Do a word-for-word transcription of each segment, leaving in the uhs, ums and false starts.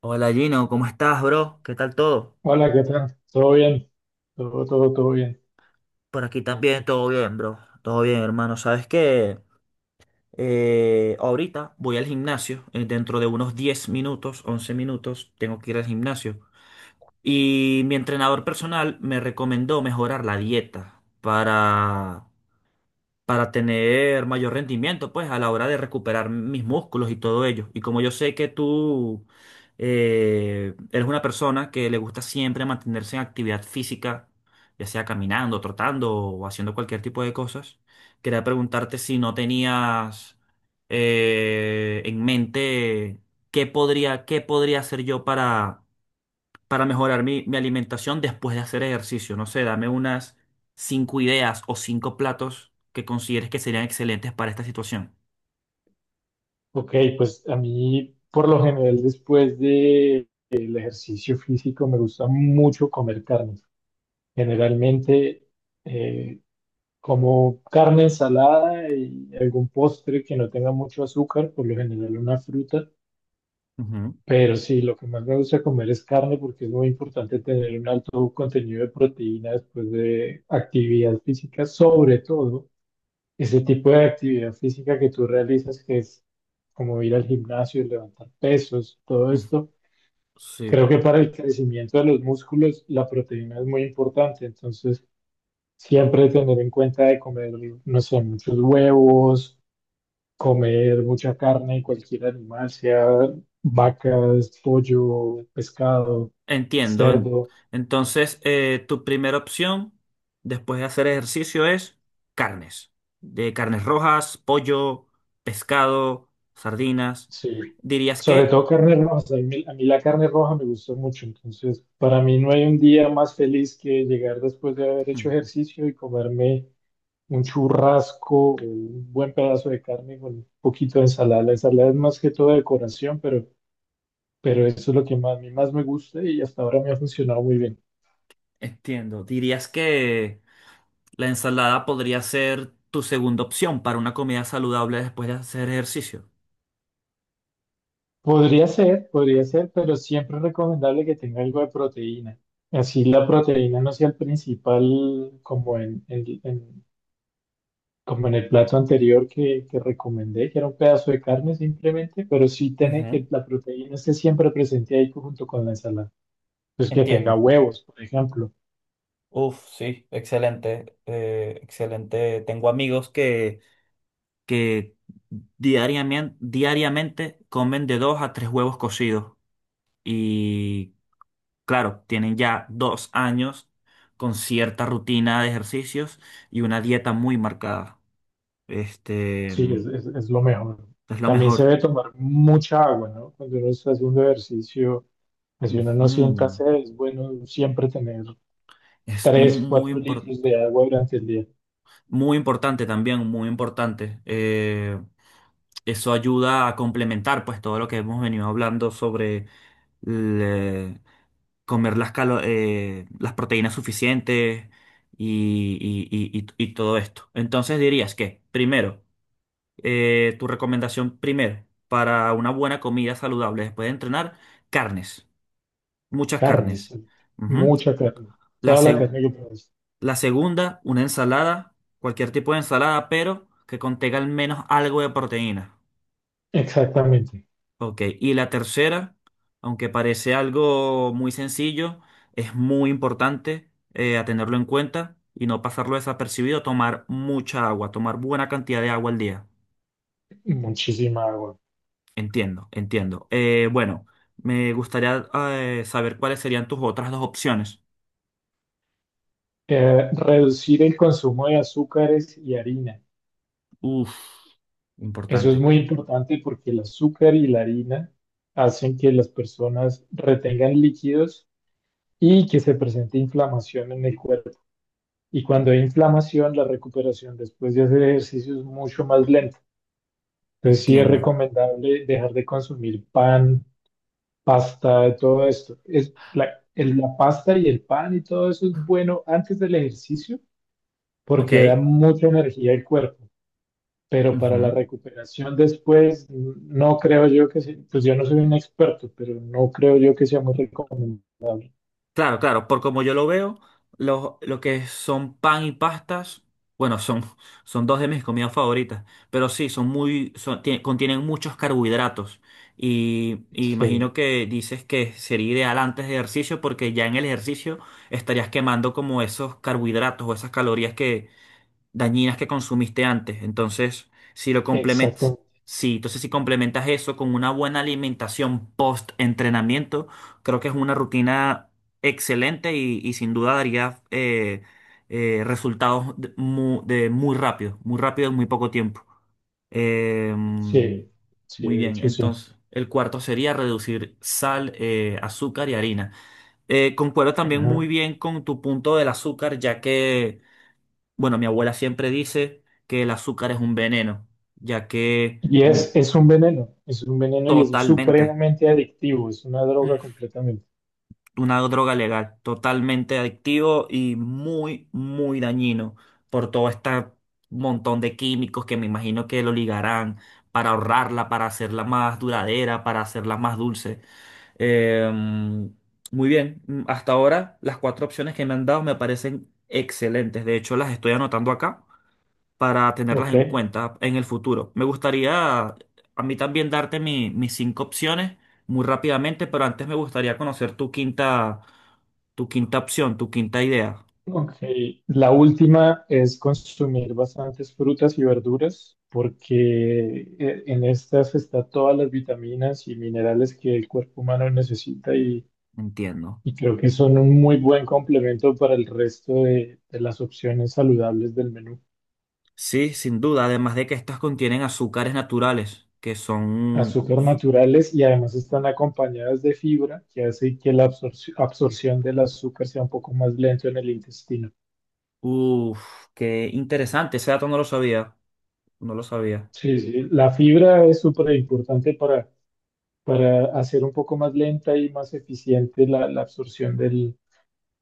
Hola Gino, ¿cómo estás, bro? ¿Qué tal todo? Hola, ¿qué tal? ¿Todo bien? Todo, todo, todo bien. Por aquí también, todo bien, bro. Todo bien, hermano. ¿Sabes qué? Eh, ahorita voy al gimnasio. eh, Dentro de unos diez minutos, once minutos, tengo que ir al gimnasio. Y mi entrenador personal me recomendó mejorar la dieta para para tener mayor rendimiento, pues, a la hora de recuperar mis músculos y todo ello. Y como yo sé que tú eh, eres una persona que le gusta siempre mantenerse en actividad física, ya sea caminando, trotando o haciendo cualquier tipo de cosas, quería preguntarte si no tenías eh, en mente qué podría, qué podría hacer yo para para mejorar mi, mi alimentación después de hacer ejercicio. No sé, dame unas cinco ideas o cinco platos que consideres que serían excelentes para esta situación. Ok, pues a mí por lo general después del ejercicio físico me gusta mucho comer carne. Generalmente eh, como carne ensalada y algún postre que no tenga mucho azúcar, por lo general una fruta. Ujú. Pero sí, lo que más me gusta comer es carne porque es muy importante tener un alto contenido de proteína después de actividad física, sobre todo ese tipo de actividad física que tú realizas, que es como ir al gimnasio, levantar pesos, todo Mm, esto. Sí, Creo que para el crecimiento de los músculos la proteína es muy importante, entonces siempre tener en cuenta de comer, no sé, muchos huevos, comer mucha carne, cualquier animal, sea vacas, pollo, pescado, entiendo. En- cerdo, Entonces, eh, tu primera opción después de hacer ejercicio es carnes. De carnes rojas, pollo, pescado, sardinas. sí. Dirías Sobre que. todo carne roja, a mí, a mí la carne roja me gusta mucho, entonces para mí no hay un día más feliz que llegar después de haber Mm, hecho ejercicio y comerme un churrasco, o un buen pedazo de carne con un poquito de ensalada. La ensalada es más que todo decoración, pero pero eso es lo que más, a mí más me gusta y hasta ahora me ha funcionado muy bien. Entiendo. Dirías que la ensalada podría ser tu segunda opción para una comida saludable después de hacer ejercicio. Podría ser, podría ser, pero siempre es recomendable que tenga algo de proteína. Así la proteína no sea el principal como en, en- en- como en el plato anterior que, que recomendé, que era un pedazo de carne simplemente, pero sí tiene Ujú. que la proteína esté siempre presente ahí junto con la ensalada. Pues que tenga Entiendo. huevos, por ejemplo. Uf, sí, excelente, eh, excelente. Tengo amigos que, que diariamente, diariamente comen de dos a tres huevos cocidos. Y claro, tienen ya dos años con cierta rutina de ejercicios y una dieta muy marcada. Este Sí, es, es es lo mejor. es lo También se mejor. debe tomar mucha agua, ¿no? Cuando uno está haciendo ejercicio, pues si uno no sienta Ujú. sed, es bueno siempre tener Es tres, muy cuatro litros importante. de agua durante el día. Muy importante también, muy importante. Eh, eso ayuda a complementar pues todo lo que hemos venido hablando sobre le- comer las, calo- eh, las proteínas suficientes y, y- y- y- y todo esto. Entonces dirías que, primero, eh, tu recomendación primero para una buena comida saludable después de entrenar, carnes, muchas Carne, carnes. sí. Ujú. Mucha carne. La, Toda la seg- carne que puedas. La segunda, una ensalada, cualquier tipo de ensalada, pero que contenga al menos algo de proteína. Exactamente. Ok. Y la tercera, aunque parece algo muy sencillo, es muy importante eh, a tenerlo en cuenta y no pasarlo desapercibido, tomar mucha agua, tomar buena cantidad de agua al día. Muchísima agua. Entiendo, entiendo. Eh, bueno, me gustaría eh, saber cuáles serían tus otras dos opciones. Eh, reducir el consumo de azúcares y harina. Uf, Eso es importante. muy importante porque el azúcar y la harina hacen que las personas retengan líquidos y que se presente inflamación en el cuerpo. Y cuando hay inflamación, la recuperación después de hacer ejercicio es mucho más lenta. Entonces sí es Entiendo. recomendable dejar de consumir pan, pasta, todo esto. Es la, el- la pasta y el pan y todo eso es bueno antes del ejercicio Ok. porque da mucha energía al cuerpo, pero para la Ujú. recuperación después n- no creo yo que sea, pues yo no soy un experto, pero no creo yo que sea muy recomendable. Claro, claro, por como yo lo veo, lo, lo que son pan y pastas, bueno, son, son dos de mis comidas favoritas, pero sí, son muy, son- tie- contienen muchos carbohidratos. Y, y imagino Sí, que dices que sería ideal antes de ejercicio porque ya en el ejercicio estarías quemando como esos carbohidratos o esas calorías dañinas que consumiste antes. Entonces, si lo complementas, exactamente. sí, entonces si complementas eso con una buena alimentación post-entrenamiento, creo que es una rutina excelente y, y sin duda daría eh, eh, resultados de mu- de muy, rápido, muy rápido en muy poco tiempo. Eh, Sí, sí, muy de bien, hecho sí. entonces el cuarto sería reducir sal, eh, azúcar y harina. Eh, concuerdo también muy Ajá. bien con tu punto del azúcar, ya que bueno, mi abuela siempre dice que el azúcar es un veneno, ya que Y mm, es, es un veneno, es un veneno y es totalmente, supremamente adictivo, es una droga mm, completamente. una droga legal, totalmente adictivo y muy, muy dañino por todo este montón de químicos que me imagino que lo ligarán para ahorrarla, para hacerla más duradera, para hacerla más dulce. Eh, muy bien, mm, hasta ahora las cuatro opciones que me han dado me parecen excelentes. De hecho, las estoy anotando acá para tenerlas Ok, en cuenta en el futuro. Me gustaría a mí también darte mi- mis cinco opciones muy rápidamente, pero antes me gustaría conocer tu quinta, tu quinta opción, tu quinta idea. ok. La última es consumir bastantes frutas y verduras porque eh, en estas está todas las vitaminas y minerales que el cuerpo humano necesita y, Entiendo. y creo que son un muy buen complemento para el resto de, de las opciones saludables del menú. Sí, sin duda, además de que estas contienen azúcares naturales, que son. Azúcar naturales y además están acompañadas de fibra que hace que la absorci- absorción del azúcar sea un poco más lento en el intestino. Uf, qué interesante, ese dato no lo sabía, no lo sabía. Sí, sí, la fibra es súper importante para para hacer un poco más lenta y más eficiente la, la absorción del,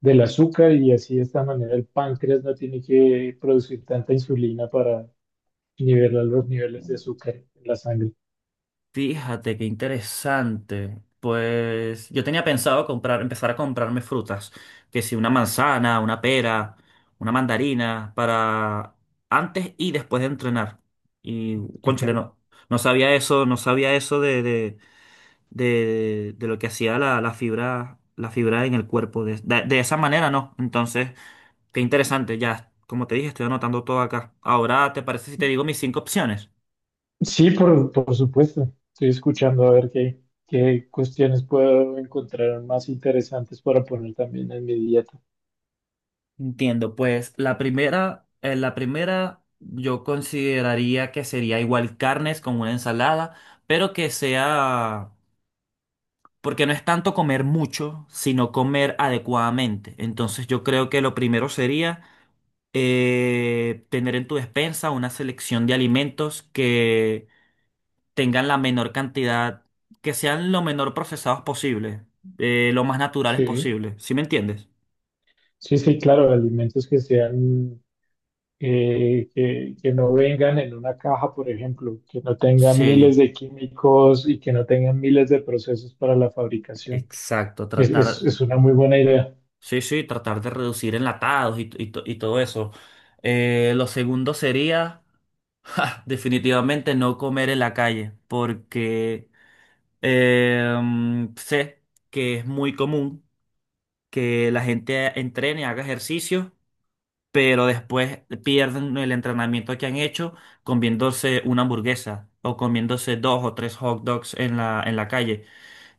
del azúcar y así de esta manera el páncreas no tiene que producir tanta insulina para nivelar los niveles de azúcar en la sangre. Fíjate qué interesante. Pues yo tenía pensado comprar, empezar a comprarme frutas, que si una manzana, una pera, una mandarina, para antes y después de entrenar. Y Ok. cónchale, no, no sabía eso, no sabía eso de, de, de, de lo que hacía la, la fibra, la fibra en el cuerpo. De, de, de esa manera, no. Entonces, qué interesante, ya, como te dije, estoy anotando todo acá. Ahora, ¿te parece si te digo mis cinco opciones? Sí, por, por supuesto. Estoy escuchando a ver qué, qué cuestiones puedo encontrar más interesantes para poner también en mi dieta. Entiendo, pues la primera, eh, la primera yo consideraría que sería igual carnes con una ensalada, pero que sea, porque no es tanto comer mucho, sino comer adecuadamente. Entonces yo creo que lo primero sería eh, tener en tu despensa una selección de alimentos que tengan la menor cantidad, que sean lo menor procesados posible, eh, lo más naturales Sí. posible. ¿Sí me entiendes? Sí, sí, claro, alimentos que sean eh, que, que no vengan en una caja, por ejemplo, que no tengan miles Sí, de químicos y que no tengan miles de procesos para la fabricación. exacto, Es, es, tratar. es una muy buena idea. Sí, sí, tratar de reducir enlatados y, t- y, to- y todo eso. Eh, lo segundo sería, ja, definitivamente no comer en la calle, porque eh, mm, sé que es muy común que la gente entrene, haga ejercicio, pero después pierden el entrenamiento que han hecho comiéndose una hamburguesa o comiéndose dos o tres hot dogs en la, en la calle.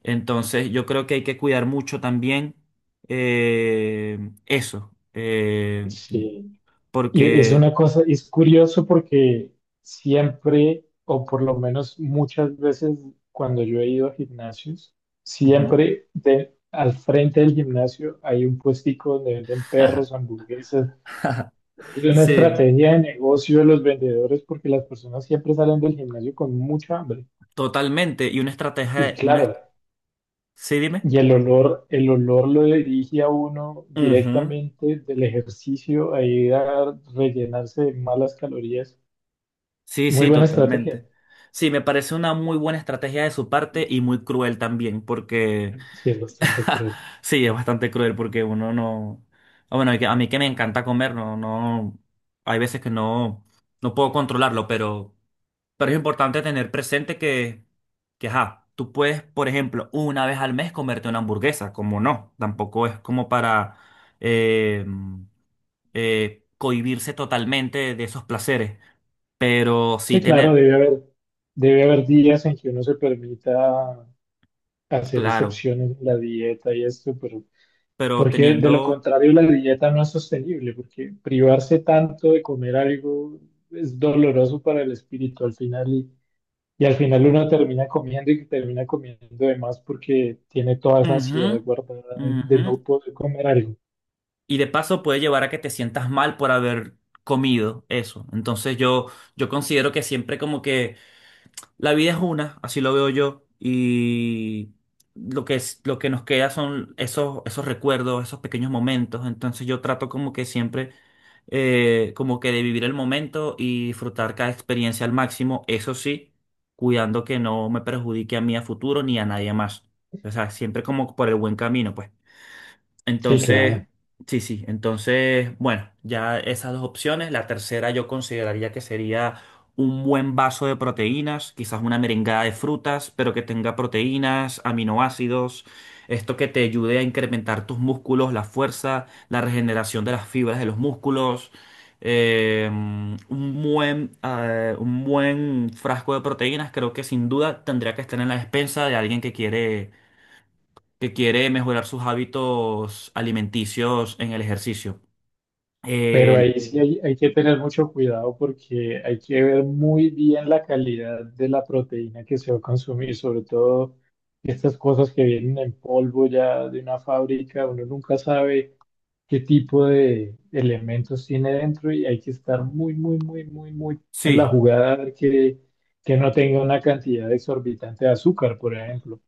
Entonces, yo creo que hay que cuidar mucho también eh, eso, eh, Sí. Y es porque. una cosa, es curioso porque siempre, o por lo menos muchas veces cuando yo he ido a gimnasios, Ujú. siempre de- al frente del gimnasio hay un puestico donde venden perros, hamburguesas. Es una Sí, estrategia de negocio de los vendedores porque las personas siempre salen del gimnasio con mucha hambre. totalmente. Y una Y estrategia, una. claro, est- Sí, dime. y el olor, el olor lo dirige a uno Ujú. directamente del ejercicio a ir a rellenarse de malas calorías. Sí, Muy sí, buena estrategia. totalmente. Sí, me parece una muy buena estrategia de su parte y muy cruel también, porque Sí, es bastante cruel. sí, es bastante cruel porque uno no. Ah, bueno, que- a mí que me encanta comer, no, no. Hay veces que no, no puedo controlarlo, pero. Pero es importante tener presente que, que, ajá, tú puedes, por ejemplo, una vez al mes comerte una hamburguesa, como no, tampoco es como para eh, eh, cohibirse totalmente de esos placeres, pero sí Sí, claro, tener, debe haber, debe haber días en que uno se permita hacer claro, excepciones en la dieta y esto, pero pero porque de lo teniendo, contrario la dieta no es sostenible, porque privarse tanto de comer algo es doloroso para el espíritu al final y, y al final uno termina comiendo y termina comiendo de más porque tiene toda esa ujú, ansiedad guardada de, de ujú, no poder comer algo. y de paso puede llevar a que te sientas mal por haber comido eso. Entonces yo, yo considero que siempre como que la vida es una, así lo veo yo, y lo que es, lo que nos queda son esos, esos recuerdos, esos pequeños momentos. Entonces yo trato como que siempre, eh, como que de vivir el momento y disfrutar cada experiencia al máximo, eso sí, cuidando que no me perjudique a mí a futuro ni a nadie más. O sea, siempre como por el buen camino, pues. Sí, Entonces, claro. sí, sí, entonces, bueno, ya esas dos opciones. La tercera yo consideraría que sería un buen vaso de proteínas, quizás una merengada de frutas, pero que tenga proteínas, aminoácidos, esto que te ayude a incrementar tus músculos, la fuerza, la regeneración de las fibras de los músculos. eh, un buen, eh, un buen frasco de proteínas, creo que sin duda tendría que estar en la despensa de alguien que quiere que quiere mejorar sus hábitos alimenticios en el ejercicio. Pero El- ahí sí hay, hay que tener mucho cuidado porque hay que ver muy bien la calidad de la proteína que se va a consumir, sobre todo estas cosas que vienen en polvo ya de una fábrica, uno nunca sabe qué tipo de elementos tiene dentro y hay que estar muy, muy, muy, muy, muy en sí, la jugada a ver que, que no tenga una cantidad exorbitante de azúcar, por ejemplo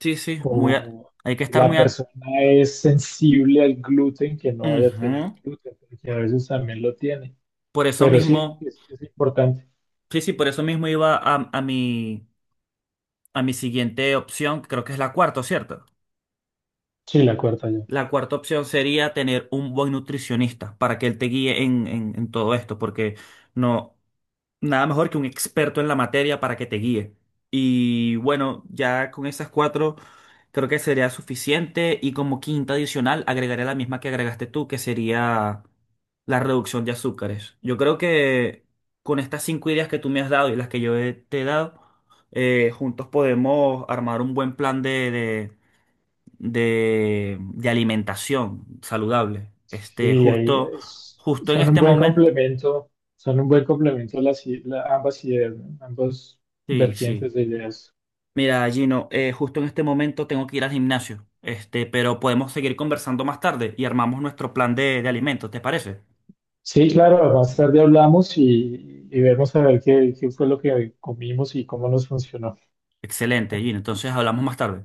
sí, sí, muy a- o hay que estar la muy. a- persona es sensible al gluten, que no vaya a Ujú. tener gluten, porque a veces también lo tiene. Por eso Pero sí, mismo, es, es importante. sí, sí, por eso mismo iba a, a mi, a mi siguiente opción, que creo que es la cuarta, ¿cierto? Sí, la cuarta yo. La cuarta opción sería tener un buen nutricionista para que él te guíe en, en en todo esto, porque no. Nada mejor que un experto en la materia para que te guíe. Y bueno, ya con esas cuatro creo que sería suficiente. Y como quinta adicional, agregaré la misma que agregaste tú, que sería la reducción de azúcares. Yo creo que con estas cinco ideas que tú me has dado y las que yo he- te he dado, eh, juntos podemos armar un buen plan de, de, de, de alimentación saludable. Este, Sí, ahí justo, es- justo en son un este buen momento. complemento, son un buen complemento las, i- la- ambas ideas, ¿no? Ambos Sí, sí. vertientes de ideas. Mira, Gino, eh, justo en este momento tengo que ir al gimnasio, este, pero podemos seguir conversando más tarde y armamos nuestro plan de, de alimentos, ¿te parece? Sí, claro, más tarde hablamos y, y vemos a ver qué, qué fue lo que comimos y cómo nos funcionó. Excelente, Gino. Entonces hablamos más tarde.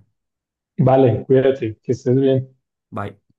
Vale, cuídate, que estés bien. Bye.